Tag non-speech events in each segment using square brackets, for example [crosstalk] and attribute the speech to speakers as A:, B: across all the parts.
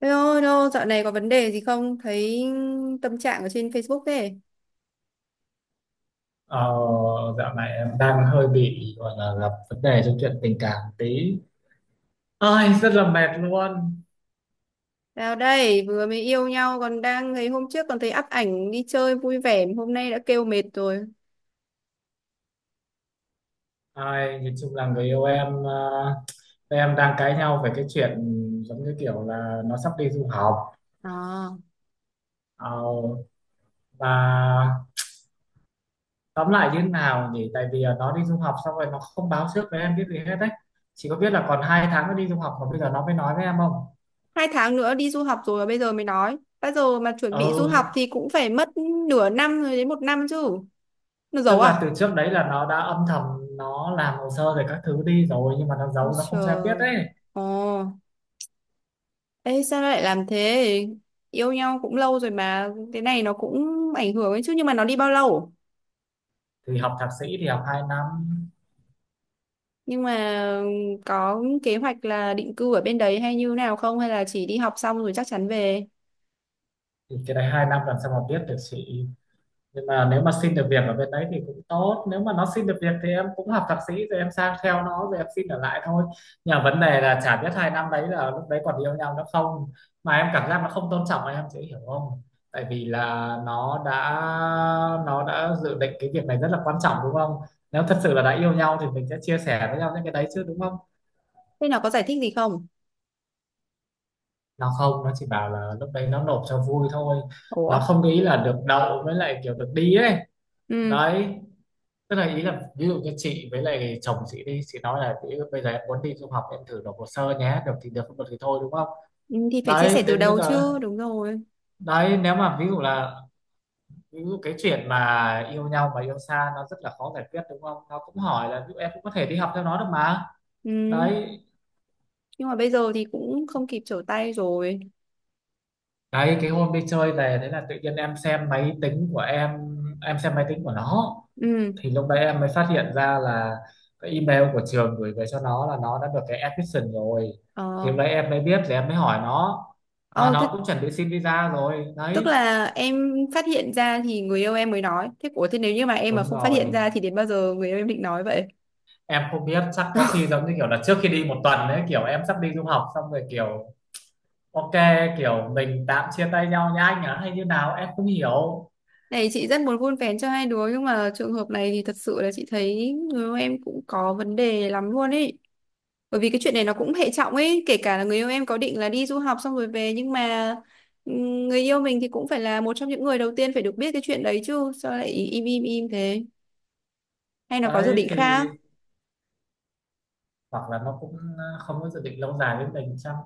A: Hello, hello, dạo này có vấn đề gì không? Thấy tâm trạng ở trên Facebook thế.
B: Ờ, dạo này em đang hơi bị gọi là gặp vấn đề trong chuyện tình cảm tí, ơi rất là mệt luôn.
A: Nào đây, vừa mới yêu nhau còn đang thấy hôm trước còn thấy up ảnh đi chơi vui vẻ, hôm nay đã kêu mệt rồi.
B: Ai nhìn chung là người yêu em, tụi em đang cãi nhau về cái chuyện giống như kiểu là nó sắp đi du học.
A: À,
B: Ờ, và tóm lại như thế nào nhỉ, tại vì là nó đi du học xong rồi nó không báo trước với em biết gì hết đấy, chỉ có biết là còn 2 tháng nó đi du học mà bây giờ nó mới nói với em không.
A: hai tháng nữa đi du học rồi mà bây giờ mới nói. Bây giờ mà chuẩn bị du học
B: Ừ,
A: thì cũng phải mất nửa năm rồi đến một năm chứ. Nó giấu
B: tức
A: à?
B: là từ trước đấy là nó đã âm thầm, nó làm hồ sơ rồi các thứ đi rồi, nhưng mà nó
A: Ôi
B: giấu, nó không cho em biết
A: trời.
B: đấy.
A: Ồ, ê sao nó lại làm thế? Yêu nhau cũng lâu rồi mà, cái này nó cũng ảnh hưởng ấy chứ. Nhưng mà nó đi bao lâu?
B: Thì học thạc sĩ thì học 2 năm.
A: Nhưng mà có kế hoạch là định cư ở bên đấy hay như nào không? Hay là chỉ đi học xong rồi chắc chắn về?
B: Thì cái đấy 2 năm làm sao mà biết được chị, nhưng mà nếu mà xin được việc ở bên đấy thì cũng tốt. Nếu mà nó xin được việc thì em cũng học thạc sĩ rồi em sang theo nó rồi em xin ở lại thôi. Nhưng mà vấn đề là chả biết 2 năm đấy là lúc đấy còn yêu nhau nữa không, mà em cảm giác nó không tôn trọng em, chị hiểu không? Tại vì là nó đã nó đã dự định cái việc này rất là quan trọng đúng không? Nếu thật sự là đã yêu nhau thì mình sẽ chia sẻ với nhau những cái đấy chứ, đúng không?
A: Thế nó có giải thích gì không?
B: Nó không. Nó chỉ bảo là lúc đấy nó nộp cho vui thôi,
A: Ủa?
B: nó không nghĩ là được đậu với lại kiểu được đi ấy.
A: Ừ.
B: Đấy, tức là ý là ví dụ như chị với lại chồng chị đi, chị nói là chị bây giờ em muốn đi du học, em thử nộp hồ sơ nhé, được thì được không được thì thôi, đúng không?
A: ừ, Thì phải chia
B: Đấy
A: sẻ từ
B: đến bây
A: đầu
B: giờ.
A: chứ. Đúng rồi.
B: Đấy nếu mà ví dụ cái chuyện mà yêu nhau mà yêu xa nó rất là khó giải quyết đúng không, nó cũng hỏi là ví dụ em cũng có thể đi học theo nó được mà.
A: Ừ.
B: đấy
A: Nhưng mà bây giờ thì cũng không kịp trở tay rồi.
B: đấy cái hôm đi chơi về thế là tự nhiên em xem máy tính của em xem máy tính của nó.
A: Ừ.
B: Thì lúc đấy em mới phát hiện ra là cái email của trường gửi về cho nó là nó đã được cái admission rồi. Thì lúc
A: Ờ.
B: đấy em mới biết, thì em mới hỏi nó, mà
A: Ờ, thế,
B: nó cũng chuẩn bị xin visa rồi
A: tức
B: đấy.
A: là em phát hiện ra thì người yêu em mới nói. Thế ủa thế nếu như mà em mà
B: Đúng
A: không phát
B: rồi,
A: hiện ra thì đến bao giờ người yêu em định nói vậy?
B: em không biết, chắc có khi giống như kiểu là trước khi đi một tuần đấy, kiểu em sắp đi du học xong rồi, kiểu ok, kiểu mình tạm chia tay nhau nha anh ạ hay như nào em không hiểu.
A: Này chị rất muốn vun vén cho hai đứa nhưng mà trường hợp này thì thật sự là chị thấy người yêu em cũng có vấn đề lắm luôn ấy. Bởi vì cái chuyện này nó cũng hệ trọng ấy, kể cả là người yêu em có định là đi du học xong rồi về nhưng mà người yêu mình thì cũng phải là một trong những người đầu tiên phải được biết cái chuyện đấy chứ, sao lại im im im thế? Hay nó có dự
B: Đấy
A: định
B: thì
A: khác?
B: hoặc là nó cũng không có dự định lâu dài với mình chăng.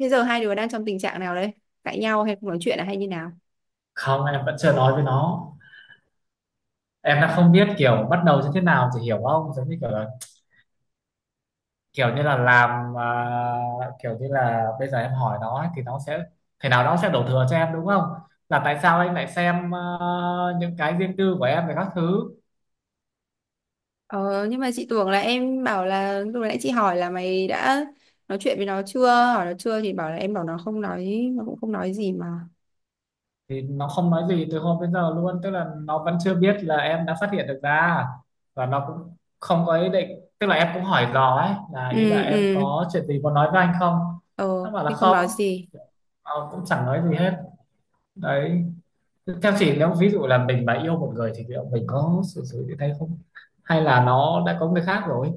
A: Thế giờ hai đứa đang trong tình trạng nào đấy? Cãi nhau hay không nói chuyện à hay như nào?
B: Không, em vẫn chưa nói với nó. Em đang không biết kiểu bắt đầu như thế nào thì hiểu không, giống như kiểu là, kiểu như là làm à, kiểu như là bây giờ em hỏi nó ấy, thì nó sẽ thế nào đó sẽ đổ thừa cho em đúng không, là tại sao anh lại xem à, những cái riêng tư của em về các thứ.
A: Ờ, nhưng mà chị tưởng là em bảo là lúc nãy chị hỏi là mày đã nói chuyện với nó chưa hỏi nó chưa thì bảo là em bảo nó không nói nó cũng không nói gì mà.
B: Thì nó không nói gì từ hôm đến giờ luôn, tức là nó vẫn chưa biết là em đã phát hiện được ra, và nó cũng không có ý định, tức là em cũng hỏi dò ấy, là
A: Ừ.
B: ý là em
A: Ừ.
B: có chuyện gì muốn nói với anh không, nó
A: Ờ,
B: bảo là
A: thì không nói
B: không,
A: gì.
B: nó cũng chẳng nói gì hết đấy. Theo chị, nếu ví dụ là mình mà yêu một người thì liệu mình có xử sự như thế không? Hay là nó đã có người khác rồi?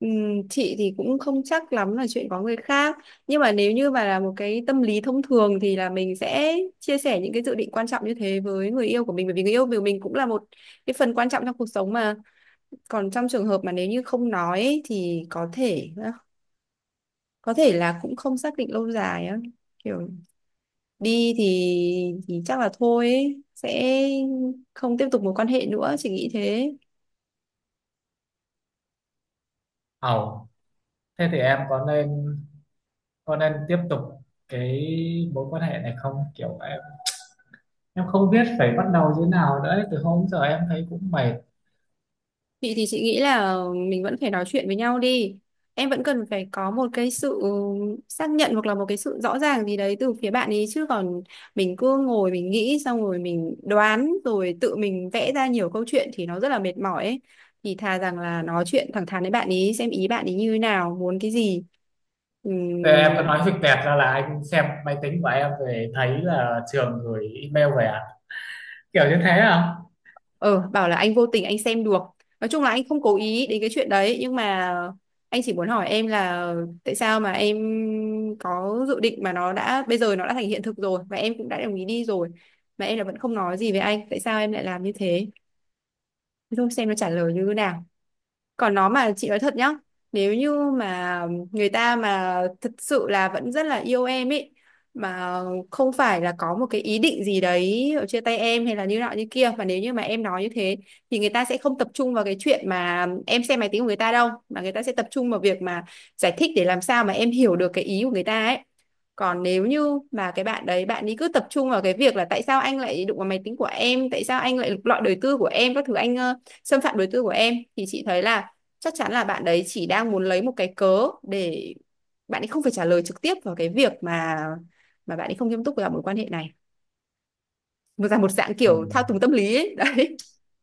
A: Ừ, chị thì cũng không chắc lắm là chuyện có người khác, nhưng mà nếu như mà là một cái tâm lý thông thường thì là mình sẽ chia sẻ những cái dự định quan trọng như thế với người yêu của mình, bởi vì người yêu của mình cũng là một cái phần quan trọng trong cuộc sống mà. Còn trong trường hợp mà nếu như không nói ấy, thì có thể có thể là cũng không xác định lâu dài á, kiểu đi thì chắc là thôi ấy. Sẽ không tiếp tục mối quan hệ nữa, chị nghĩ thế.
B: Ồ, thế thì em có nên tiếp tục cái mối quan hệ này không? Kiểu em không biết phải bắt đầu như thế nào nữa. Từ hôm giờ em thấy cũng mệt.
A: Chị thì chị nghĩ là mình vẫn phải nói chuyện với nhau đi, em vẫn cần phải có một cái sự xác nhận hoặc là một cái sự rõ ràng gì đấy từ phía bạn ấy, chứ còn mình cứ ngồi mình nghĩ xong rồi mình đoán rồi tự mình vẽ ra nhiều câu chuyện thì nó rất là mệt mỏi ấy. Thì thà rằng là nói chuyện thẳng thắn với bạn ý, xem ý bạn ý như thế nào, muốn cái gì.
B: Thế em cứ
A: Ừm.
B: nói việc tẹt ra là anh xem máy tính của em về thấy là trường gửi email về à? Kiểu như thế à?
A: Ờ, bảo là anh vô tình anh xem được. Nói chung là anh không cố ý đến cái chuyện đấy nhưng mà anh chỉ muốn hỏi em là tại sao mà em có dự định mà nó đã bây giờ nó đã thành hiện thực rồi và em cũng đã đồng ý đi rồi mà em là vẫn không nói gì với anh, tại sao em lại làm như thế? Thế thôi, xem nó trả lời như thế nào. Còn nó, mà chị nói thật nhá, nếu như mà người ta mà thật sự là vẫn rất là yêu em ấy, mà không phải là có một cái ý định gì đấy ở chia tay em hay là như nọ như kia, mà nếu như mà em nói như thế thì người ta sẽ không tập trung vào cái chuyện mà em xem máy tính của người ta đâu, mà người ta sẽ tập trung vào việc mà giải thích để làm sao mà em hiểu được cái ý của người ta ấy. Còn nếu như mà cái bạn đấy bạn ấy cứ tập trung vào cái việc là tại sao anh lại đụng vào máy tính của em, tại sao anh lại lục lọi đời tư của em, các thứ, anh xâm phạm đời tư của em, thì chị thấy là chắc chắn là bạn đấy chỉ đang muốn lấy một cái cớ để bạn ấy không phải trả lời trực tiếp vào cái việc mà bạn ấy không nghiêm túc vào mối quan hệ này, một dạng
B: Ừ.
A: kiểu thao túng tâm lý ấy. [laughs] Đấy.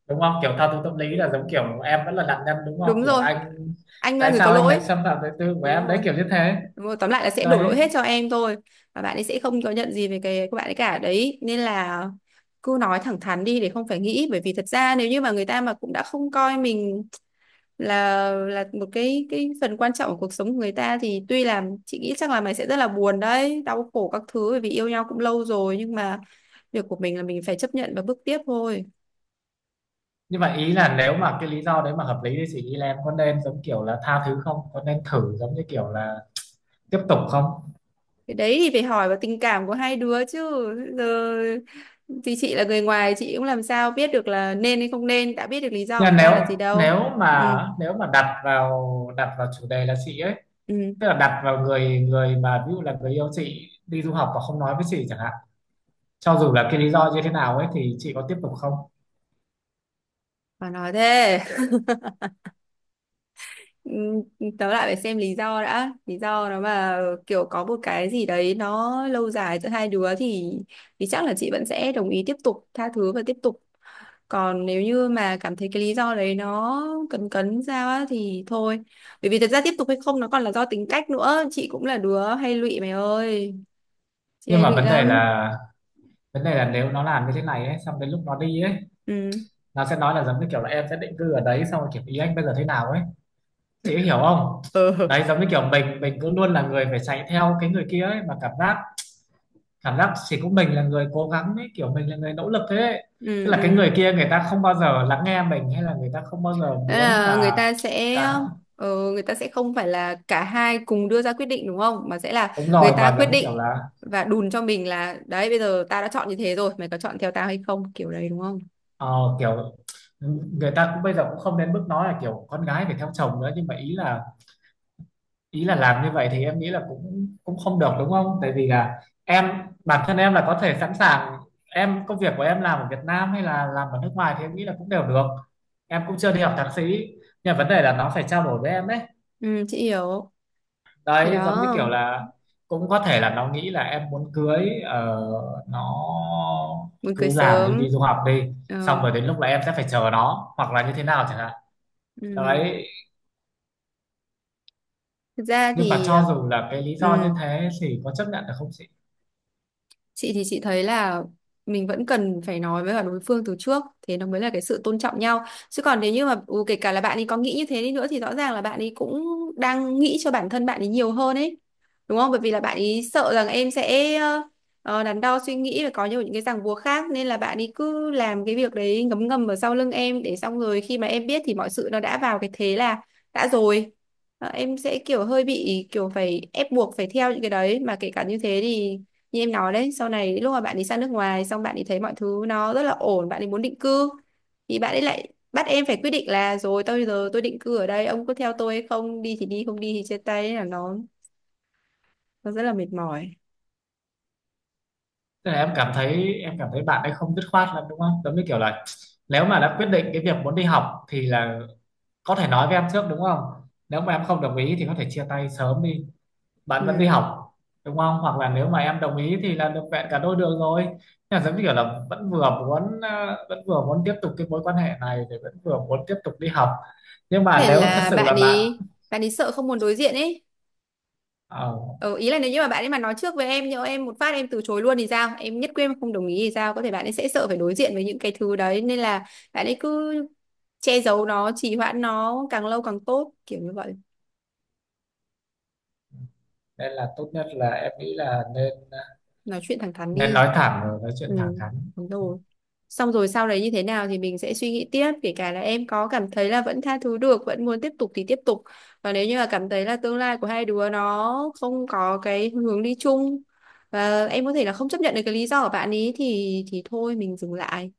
B: Đúng không? Kiểu thao túng tâm lý là giống kiểu em vẫn là nạn nhân đúng không?
A: Đúng
B: Kiểu
A: rồi,
B: anh
A: anh là
B: tại
A: người có
B: sao anh
A: lỗi.
B: lại xâm phạm đời tư của
A: Đúng
B: em đấy
A: rồi.
B: kiểu như thế.
A: Đúng rồi, tóm lại là sẽ đổ lỗi
B: Đấy
A: hết cho em thôi. Và bạn ấy sẽ không có nhận gì về cái của bạn ấy cả đấy, nên là cứ nói thẳng thắn đi để không phải nghĩ, bởi vì thật ra nếu như mà người ta mà cũng đã không coi mình là một cái phần quan trọng của cuộc sống của người ta, thì tuy là chị nghĩ chắc là mày sẽ rất là buồn đấy, đau khổ các thứ, bởi vì yêu nhau cũng lâu rồi, nhưng mà việc của mình là mình phải chấp nhận và bước tiếp thôi.
B: nhưng mà ý là nếu mà cái lý do đấy mà hợp lý thì chị nghĩ là em có nên giống kiểu là tha thứ không, có nên thử giống như kiểu là tiếp tục không?
A: Cái đấy thì phải hỏi vào tình cảm của hai đứa chứ, giờ thì chị là người ngoài chị cũng làm sao biết được là nên hay không nên, đã biết được lý do
B: Nhưng
A: của
B: mà
A: người ta
B: nếu
A: là gì đâu. Ừ.
B: nếu mà đặt vào chủ đề là chị ấy,
A: Ừ.
B: tức là đặt vào người người mà ví dụ là người yêu chị đi du học và không nói với chị chẳng hạn, cho dù là cái lý do như thế nào ấy thì chị có tiếp tục không?
A: Mà nói thế. Ừm, tớ lại phải xem lý do đã, lý do nó mà kiểu có một cái gì đấy nó lâu dài giữa hai đứa thì chắc là chị vẫn sẽ đồng ý tiếp tục tha thứ và tiếp tục. Còn nếu như mà cảm thấy cái lý do đấy nó cấn cấn sao á thì thôi, bởi vì thật ra tiếp tục hay không nó còn là do tính cách nữa, chị cũng là đứa hay lụy mày ơi, chị
B: Nhưng
A: hay
B: mà
A: lụy
B: vấn đề
A: lắm.
B: là vấn đề là nếu nó làm như thế này ấy xong đến lúc nó đi ấy,
A: Ừ.
B: nó sẽ nói là giống như kiểu là em sẽ định cư ở đấy xong rồi kiểu, ý anh bây giờ thế nào ấy, chị hiểu không?
A: Ừ.
B: Đấy giống như kiểu mình cứ luôn là người phải chạy theo cái người kia ấy, mà cảm giác chỉ có mình là người cố gắng ấy, kiểu mình là người nỗ lực thế ấy.
A: Ừ.
B: Tức là cái
A: Ừ.
B: người kia người ta không bao giờ lắng nghe mình, hay là người ta không bao giờ
A: Đó
B: muốn
A: là người
B: là
A: ta sẽ
B: cả.
A: ờ, Người ta sẽ không phải là cả hai cùng đưa ra quyết định đúng không? Mà sẽ là
B: Đúng
A: người
B: rồi,
A: ta
B: mà
A: quyết
B: giống kiểu
A: định
B: là
A: và đùn cho mình là đấy, bây giờ tao đã chọn như thế rồi, mày có chọn theo tao hay không? Kiểu đấy đúng không?
B: ờ, kiểu người ta cũng bây giờ cũng không đến mức nói là kiểu con gái phải theo chồng nữa, nhưng mà ý là làm như vậy thì em nghĩ là cũng cũng không được đúng không? Tại vì là em, bản thân em là có thể sẵn sàng. Em công việc của em làm ở Việt Nam hay là làm ở nước ngoài thì em nghĩ là cũng đều được. Em cũng chưa đi học thạc sĩ, nhưng mà vấn đề là nó phải trao đổi với em đấy.
A: Ừ, chị hiểu. Thì
B: Đấy giống như
A: đó,
B: kiểu là cũng có thể là nó nghĩ là em muốn cưới, nó
A: muốn cưới
B: cứ làm đi,
A: sớm.
B: đi du học đi, xong
A: Ờ,
B: rồi đến lúc là em sẽ phải chờ nó hoặc là như thế nào chẳng hạn.
A: ừ.
B: Đấy
A: Thực ra
B: nhưng mà
A: thì
B: cho dù là cái lý do như
A: ừ.
B: thế thì có chấp nhận được không?
A: Chị thì chị thấy là mình vẫn cần phải nói với cả đối phương từ trước, thế nó mới là cái sự tôn trọng nhau, chứ còn nếu như mà kể cả là bạn ấy có nghĩ như thế đi nữa thì rõ ràng là bạn ấy cũng đang nghĩ cho bản thân bạn ấy nhiều hơn ấy, đúng không, bởi vì là bạn ấy sợ rằng em sẽ đắn đo suy nghĩ và có nhiều những cái ràng buộc khác, nên là bạn ấy cứ làm cái việc đấy ngấm ngầm ở sau lưng em, để xong rồi khi mà em biết thì mọi sự nó đã vào cái thế là đã rồi. Ờ, em sẽ kiểu hơi bị kiểu phải ép buộc phải theo những cái đấy, mà kể cả như thế thì như em nói đấy, sau này lúc mà bạn ấy sang nước ngoài xong bạn ấy thấy mọi thứ nó rất là ổn, bạn ấy muốn định cư, thì bạn ấy lại bắt em phải quyết định là rồi tôi giờ tôi định cư ở đây, ông có theo tôi hay không, đi thì đi không đi thì chia tay. Thế là nó rất là mệt mỏi.
B: Tức là em cảm thấy bạn ấy không dứt khoát lắm đúng không? Giống như kiểu là nếu mà đã quyết định cái việc muốn đi học thì là có thể nói với em trước đúng không? Nếu mà em không đồng ý thì có thể chia tay sớm đi, bạn vẫn đi
A: Ừ.
B: học đúng không? Hoặc là nếu mà em đồng ý thì là được vẹn cả đôi đường rồi. Nhưng mà giống như kiểu là vẫn vừa muốn tiếp tục cái mối quan hệ này thì vẫn vừa muốn tiếp tục đi học. Nhưng mà
A: Để
B: nếu thật
A: là
B: sự
A: bạn
B: là bạn
A: ấy bạn ấy sợ không muốn đối diện ấy.
B: ờ,
A: Ừ, ý là nếu như mà bạn ấy mà nói trước với em nhỡ em một phát em từ chối luôn thì sao, em nhất quyết em không đồng ý thì sao, có thể bạn ấy sẽ sợ phải đối diện với những cái thứ đấy nên là bạn ấy cứ che giấu nó, trì hoãn nó càng lâu càng tốt, kiểu như vậy.
B: nên là tốt nhất là em nghĩ là
A: Nói chuyện thẳng thắn
B: nên
A: đi.
B: nói thẳng rồi nói
A: Ừ,
B: chuyện thẳng thắn.
A: đúng rồi. Xong rồi sau đấy như thế nào thì mình sẽ suy nghĩ tiếp, kể cả là em có cảm thấy là vẫn tha thứ được vẫn muốn tiếp tục thì tiếp tục, và nếu như là cảm thấy là tương lai của hai đứa nó không có cái hướng đi chung, và em có thể là không chấp nhận được cái lý do của bạn ý thì thôi mình dừng lại.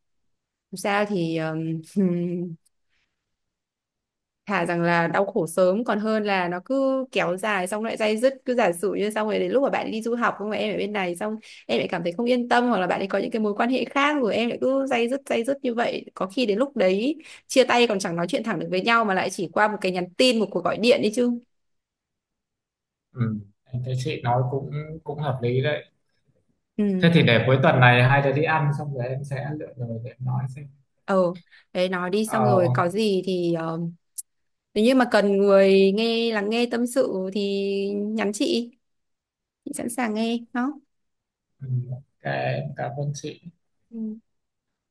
A: Dù sao thì [laughs] thà rằng là đau khổ sớm còn hơn là nó cứ kéo dài xong lại day dứt, cứ giả sử như xong rồi đến lúc mà bạn đi du học không, mà em ở bên này xong em lại cảm thấy không yên tâm hoặc là bạn ấy có những cái mối quan hệ khác, rồi em lại cứ day dứt như vậy, có khi đến lúc đấy chia tay còn chẳng nói chuyện thẳng được với nhau mà lại chỉ qua một cái nhắn tin một cuộc gọi điện đi chứ.
B: Ừ, em thấy chị nói cũng cũng hợp lý đấy. Thế
A: Ừ.
B: thì để cuối tuần này hai đứa đi ăn xong rồi em sẽ lựa lời để em nói xem.
A: Ờ, đấy nói đi xong rồi
B: Ờ,
A: có gì thì nếu như mà cần người nghe lắng nghe tâm sự thì nhắn chị sẵn sàng nghe đó.
B: ừ, ok, em cảm ơn chị.
A: Ừ.